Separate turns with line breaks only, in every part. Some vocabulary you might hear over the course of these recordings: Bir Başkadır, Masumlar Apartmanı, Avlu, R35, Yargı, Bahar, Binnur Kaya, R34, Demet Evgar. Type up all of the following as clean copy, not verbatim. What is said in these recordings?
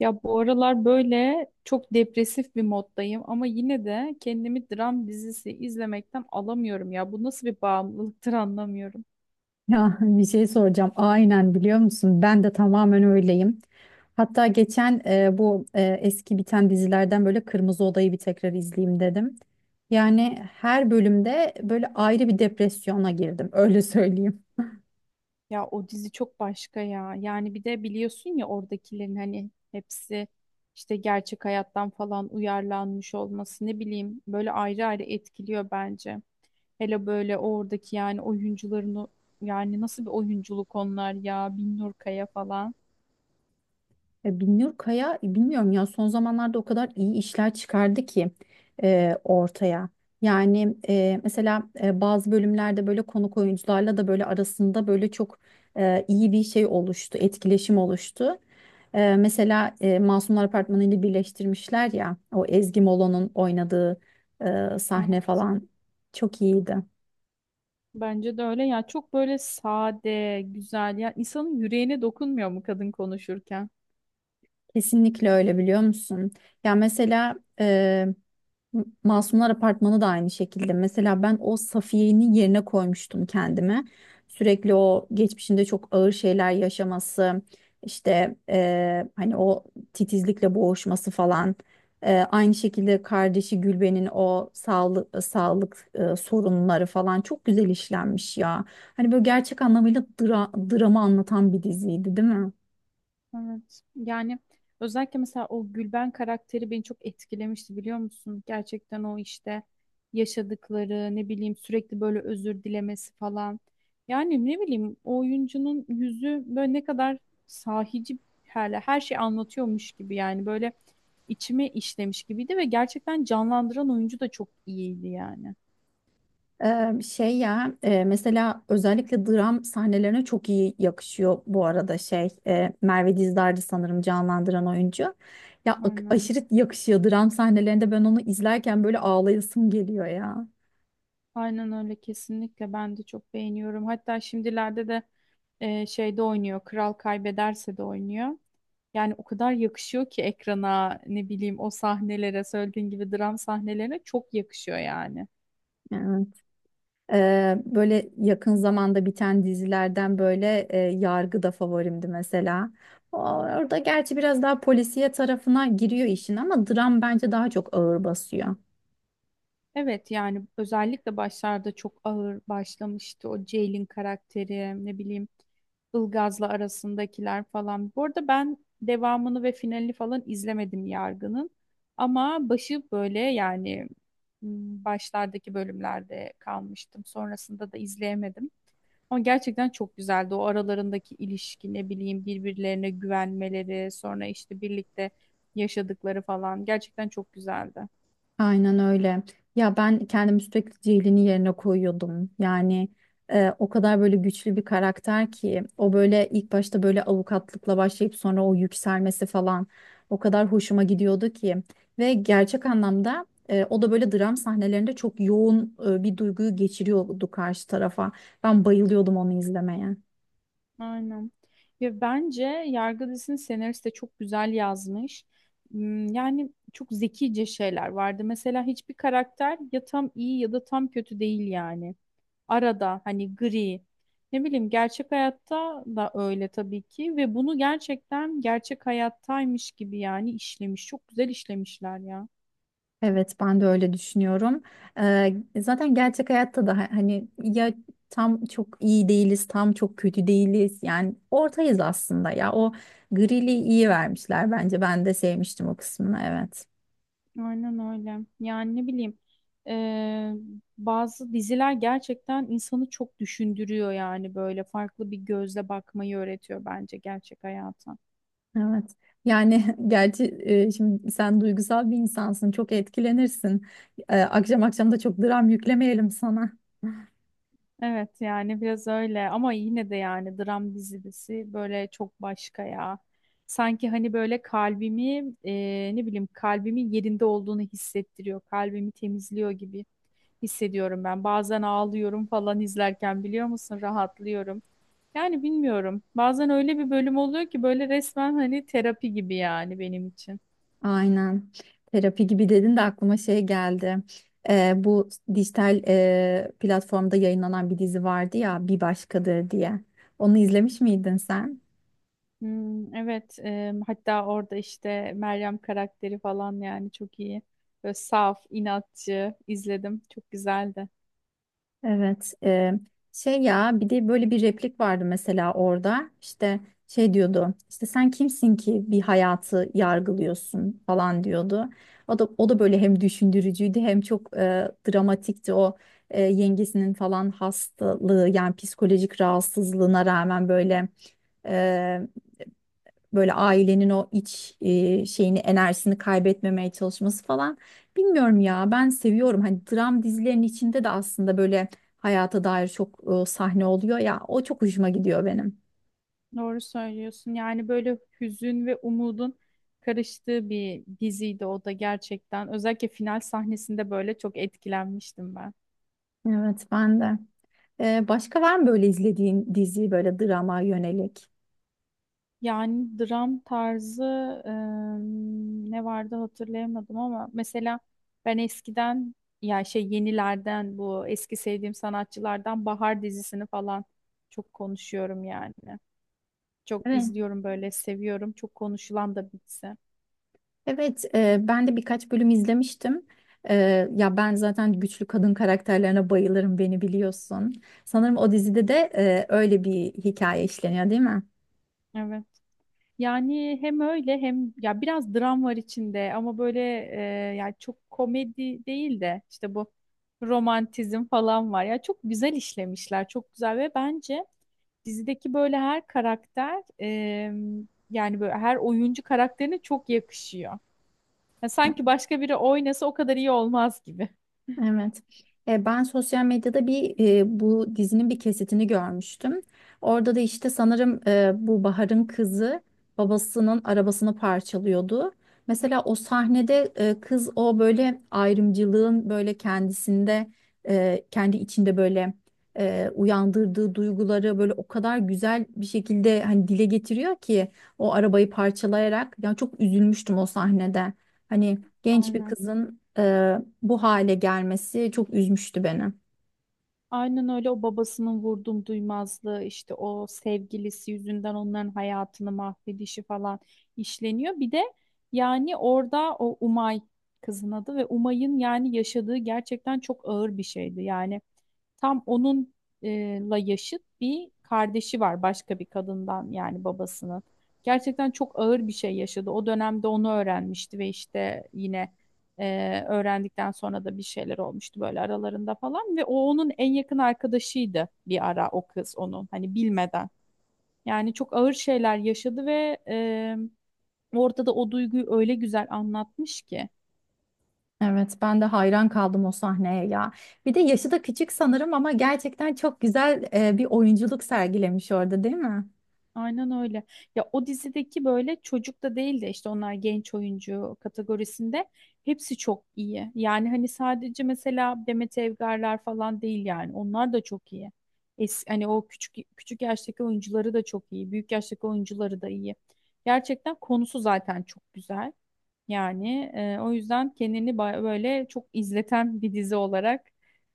Ya bu aralar böyle çok depresif bir moddayım ama yine de kendimi dram dizisi izlemekten alamıyorum ya. Bu nasıl bir bağımlılıktır anlamıyorum.
Ya bir şey soracağım. Aynen biliyor musun? Ben de tamamen öyleyim. Hatta geçen bu eski biten dizilerden böyle Kırmızı Oda'yı bir tekrar izleyeyim dedim. Yani her bölümde böyle ayrı bir depresyona girdim. Öyle söyleyeyim.
Ya o dizi çok başka ya. Yani bir de biliyorsun ya oradakilerin hani hepsi işte gerçek hayattan falan uyarlanmış olması ne bileyim böyle ayrı ayrı etkiliyor bence. Hele böyle oradaki yani oyuncuların yani nasıl bir oyunculuk onlar ya Binnur Kaya falan.
Binnur Kaya bilmiyorum ya son zamanlarda o kadar iyi işler çıkardı ki ortaya. Yani mesela bazı bölümlerde böyle konuk oyuncularla da böyle arasında böyle çok iyi bir şey oluştu, etkileşim oluştu. Mesela Masumlar Apartmanı ile birleştirmişler ya o Ezgi Molo'nun oynadığı sahne falan çok iyiydi.
Bence de öyle ya çok böyle sade, güzel ya insanın yüreğine dokunmuyor mu kadın konuşurken?
Kesinlikle öyle biliyor musun? Ya mesela Masumlar Apartmanı da aynı şekilde. Mesela ben o Safiye'nin yerine koymuştum kendimi. Sürekli o geçmişinde çok ağır şeyler yaşaması, işte hani o titizlikle boğuşması falan. Aynı şekilde kardeşi Gülben'in o sağlık sorunları falan çok güzel işlenmiş ya. Hani böyle gerçek anlamıyla dramı anlatan bir diziydi, değil mi?
Evet. Yani özellikle mesela o Gülben karakteri beni çok etkilemişti biliyor musun? Gerçekten o işte yaşadıkları ne bileyim sürekli böyle özür dilemesi falan. Yani ne bileyim o oyuncunun yüzü böyle ne kadar sahici her şey anlatıyormuş gibi yani böyle içime işlemiş gibiydi ve gerçekten canlandıran oyuncu da çok iyiydi yani.
Şey ya mesela özellikle dram sahnelerine çok iyi yakışıyor bu arada şey Merve Dizdar'dı sanırım canlandıran oyuncu. Ya
Aynen.
aşırı yakışıyor dram sahnelerinde ben onu izlerken böyle ağlayasım geliyor ya.
Aynen öyle kesinlikle ben de çok beğeniyorum. Hatta şimdilerde de şeyde oynuyor. Kral kaybederse de oynuyor. Yani o kadar yakışıyor ki ekrana ne bileyim o sahnelere söylediğin gibi dram sahnelerine çok yakışıyor yani.
Yani. Böyle yakın zamanda biten dizilerden böyle Yargı da favorimdi mesela. Orada gerçi biraz daha polisiye tarafına giriyor işin ama dram bence daha çok ağır basıyor.
Evet yani özellikle başlarda çok ağır başlamıştı o Jail'in karakteri ne bileyim Ilgaz'la arasındakiler falan. Bu arada ben devamını ve finalini falan izlemedim Yargı'nın ama başı böyle yani m, başlardaki bölümlerde kalmıştım. Sonrasında da izleyemedim. Ama gerçekten çok güzeldi. O aralarındaki ilişki ne bileyim birbirlerine güvenmeleri sonra işte birlikte yaşadıkları falan gerçekten çok güzeldi.
Aynen öyle. Ya ben kendimi sürekli Ceylin'in yerine koyuyordum. Yani o kadar böyle güçlü bir karakter ki o böyle ilk başta böyle avukatlıkla başlayıp sonra o yükselmesi falan o kadar hoşuma gidiyordu ki. Ve gerçek anlamda o da böyle dram sahnelerinde çok yoğun bir duyguyu geçiriyordu karşı tarafa. Ben bayılıyordum onu izlemeye.
Aynen. Ve bence Yargı dizisini senarist de çok güzel yazmış. Yani çok zekice şeyler vardı. Mesela hiçbir karakter ya tam iyi ya da tam kötü değil yani. Arada hani gri. Ne bileyim gerçek hayatta da öyle tabii ki ve bunu gerçekten gerçek hayattaymış gibi yani işlemiş. Çok güzel işlemişler ya.
Evet, ben de öyle düşünüyorum. Zaten gerçek hayatta da hani ya tam çok iyi değiliz, tam çok kötü değiliz. Yani ortayız aslında ya. O grili iyi vermişler bence. Ben de sevmiştim o kısmını. Evet.
Aynen öyle. Yani ne bileyim eee, bazı diziler gerçekten insanı çok düşündürüyor yani böyle farklı bir gözle bakmayı öğretiyor bence gerçek hayata.
Evet. Yani gerçi şimdi sen duygusal bir insansın. Çok etkilenirsin. Akşam akşam da çok dram yüklemeyelim sana.
Evet yani biraz öyle ama yine de yani dram dizisi böyle çok başka ya. Sanki hani böyle kalbimi ne bileyim kalbimin yerinde olduğunu hissettiriyor. Kalbimi temizliyor gibi hissediyorum ben. Bazen ağlıyorum falan izlerken biliyor musun rahatlıyorum. Yani bilmiyorum. Bazen öyle bir bölüm oluyor ki böyle resmen hani terapi gibi yani benim için.
Aynen. Terapi gibi dedin de aklıma şey geldi. Bu dijital platformda yayınlanan bir dizi vardı ya Bir Başkadır diye. Onu izlemiş miydin sen?
Hmm, evet, hatta orada işte Meryem karakteri falan yani çok iyi. Böyle saf, inatçı izledim. Çok güzeldi.
Evet, şey ya bir de böyle bir replik vardı mesela orada işte şey diyordu işte sen kimsin ki bir hayatı yargılıyorsun falan diyordu. O da böyle hem düşündürücüydü hem çok dramatikti o yengesinin falan hastalığı yani psikolojik rahatsızlığına rağmen böyle ailenin o iç şeyini enerjisini kaybetmemeye çalışması falan. Bilmiyorum ya ben seviyorum. Hani dram dizilerinin içinde de aslında böyle hayata dair çok sahne oluyor ya. O çok hoşuma gidiyor benim.
Doğru söylüyorsun. Yani böyle hüzün ve umudun karıştığı bir diziydi o da gerçekten. Özellikle final sahnesinde böyle çok etkilenmiştim ben.
Evet ben de. Başka var mı böyle izlediğin dizi böyle drama yönelik?
Yani dram tarzı ne vardı hatırlayamadım ama mesela ben eskiden ya şey yenilerden bu eski sevdiğim sanatçılardan Bahar dizisini falan çok konuşuyorum yani. Çok
Evet.
izliyorum böyle seviyorum. Çok konuşulan da bir dizi.
Evet ben de birkaç bölüm izlemiştim. E, Ya ben zaten güçlü kadın karakterlerine bayılırım beni biliyorsun. Sanırım o dizide de öyle bir hikaye işleniyor değil mi?
Evet. Yani hem öyle hem ya biraz dram var içinde ama böyle yani çok komedi değil de işte bu romantizm falan var. Ya çok güzel işlemişler, çok güzel ve bence dizideki böyle her karakter yani böyle her oyuncu karakterine çok yakışıyor. Ya sanki başka biri oynasa o kadar iyi olmaz gibi.
Evet. Ben sosyal medyada bir bu dizinin bir kesitini görmüştüm. Orada da işte sanırım bu Bahar'ın kızı babasının arabasını parçalıyordu. Mesela o sahnede kız o böyle ayrımcılığın böyle kendisinde kendi içinde böyle uyandırdığı duyguları böyle o kadar güzel bir şekilde hani dile getiriyor ki o arabayı parçalayarak yani çok üzülmüştüm o sahnede. Hani genç bir
Aynen.
kızın bu hale gelmesi çok üzmüştü beni.
Aynen öyle o babasının vurdum duymazlığı işte o sevgilisi yüzünden onların hayatını mahvedişi falan işleniyor. Bir de yani orada o Umay kızın adı ve Umay'ın yani yaşadığı gerçekten çok ağır bir şeydi. Yani tam onun la yaşıt bir kardeşi var başka bir kadından yani babasının. Gerçekten çok ağır bir şey yaşadı. O dönemde onu öğrenmişti ve işte yine öğrendikten sonra da bir şeyler olmuştu böyle aralarında falan ve o onun en yakın arkadaşıydı bir ara o kız onun hani bilmeden. Yani çok ağır şeyler yaşadı ve orada da o duyguyu öyle güzel anlatmış ki.
Evet, ben de hayran kaldım o sahneye ya. Bir de yaşı da küçük sanırım ama gerçekten çok güzel bir oyunculuk sergilemiş orada, değil mi?
Aynen öyle. Ya o dizideki böyle çocuk da değil de işte onlar genç oyuncu kategorisinde hepsi çok iyi. Yani hani sadece mesela Demet Evgarlar falan değil yani. Onlar da çok iyi. Hani o küçük küçük yaştaki oyuncuları da çok iyi. Büyük yaştaki oyuncuları da iyi. Gerçekten konusu zaten çok güzel. Yani o yüzden kendini böyle çok izleten bir dizi olarak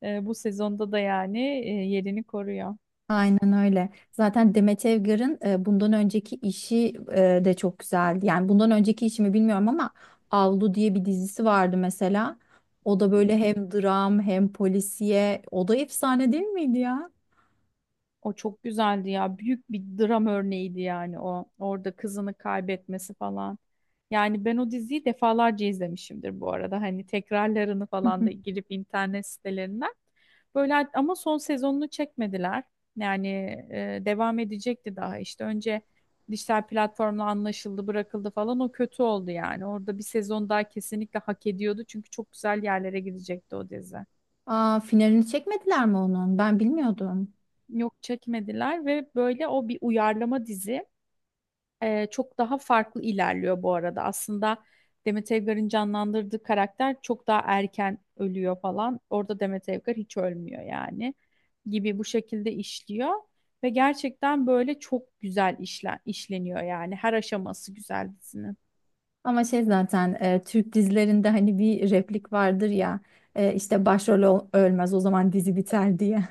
bu sezonda da yani yerini koruyor.
Aynen öyle. Zaten Demet Evgar'ın bundan önceki işi de çok güzeldi. Yani bundan önceki işimi bilmiyorum ama Avlu diye bir dizisi vardı mesela. O da böyle hem dram hem polisiye. O da efsane değil miydi ya?
O çok güzeldi ya. Büyük bir dram örneğiydi yani o. Orada kızını kaybetmesi falan. Yani ben o diziyi defalarca izlemişimdir bu arada. Hani tekrarlarını falan da girip internet sitelerinden. Böyle ama son sezonunu çekmediler. Yani devam edecekti daha. İşte önce dijital platformla anlaşıldı, bırakıldı falan. O kötü oldu yani. Orada bir sezon daha kesinlikle hak ediyordu. Çünkü çok güzel yerlere gidecekti o dizi.
Aa, finalini çekmediler mi onun? Ben bilmiyordum.
Yok çekmediler ve böyle o bir uyarlama dizi. Çok daha farklı ilerliyor bu arada. Aslında Demet Evgar'ın canlandırdığı karakter çok daha erken ölüyor falan. Orada Demet Evgar hiç ölmüyor yani gibi bu şekilde işliyor. Ve gerçekten böyle çok güzel işleniyor yani. Her aşaması güzel dizinin.
Ama şey zaten Türk dizilerinde hani bir replik vardır ya işte başrol ölmez o zaman dizi biter diye.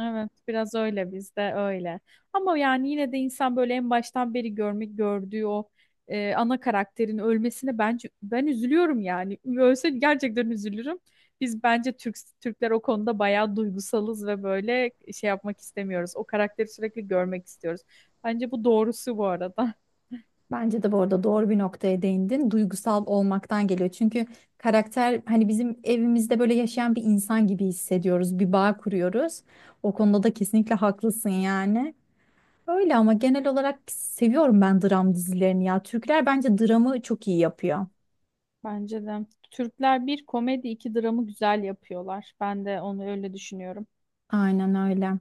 Evet, biraz öyle bizde öyle. Ama yani yine de insan böyle en baştan beri gördüğü o ana karakterin ölmesine bence ben üzülüyorum yani. Ölse gerçekten üzülürüm. Biz bence Türkler o konuda bayağı duygusalız ve böyle şey yapmak istemiyoruz. O karakteri sürekli görmek istiyoruz. Bence bu doğrusu bu arada.
Bence de bu arada doğru bir noktaya değindin. Duygusal olmaktan geliyor. Çünkü karakter hani bizim evimizde böyle yaşayan bir insan gibi hissediyoruz. Bir bağ kuruyoruz. O konuda da kesinlikle haklısın yani. Öyle ama genel olarak seviyorum ben dram dizilerini ya. Türkler bence dramı çok iyi yapıyor.
Bence de. Türkler bir komedi iki dramı güzel yapıyorlar. Ben de onu öyle düşünüyorum.
Aynen öyle.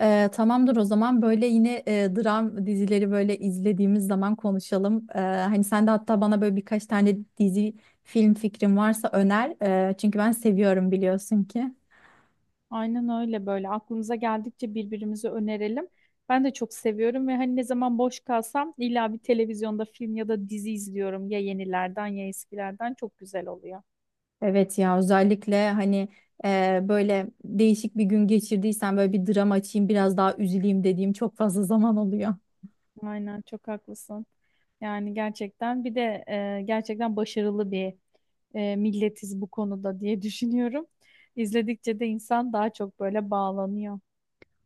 Tamamdır o zaman böyle yine dram dizileri böyle izlediğimiz zaman konuşalım. Hani sen de hatta bana böyle birkaç tane dizi film fikrin varsa öner. Çünkü ben seviyorum biliyorsun ki.
Aynen öyle böyle aklımıza geldikçe birbirimize önerelim. Ben de çok seviyorum ve hani ne zaman boş kalsam illa bir televizyonda film ya da dizi izliyorum. Ya yenilerden ya eskilerden çok güzel oluyor.
Evet ya özellikle hani böyle değişik bir gün geçirdiysen böyle bir dram açayım biraz daha üzüleyim dediğim çok fazla zaman oluyor.
Aynen çok haklısın. Yani gerçekten bir de gerçekten başarılı bir milletiz bu konuda diye düşünüyorum. İzledikçe de insan daha çok böyle bağlanıyor.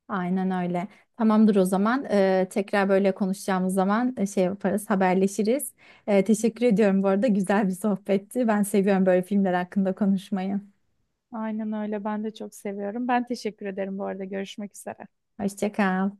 Aynen öyle. Tamamdır o zaman. Tekrar böyle konuşacağımız zaman şey yaparız, haberleşiriz. Teşekkür ediyorum bu arada. Güzel bir sohbetti. Ben seviyorum böyle filmler hakkında konuşmayı.
Aynen öyle. Ben de çok seviyorum. Ben teşekkür ederim bu arada. Görüşmek üzere.
Hoşça kal.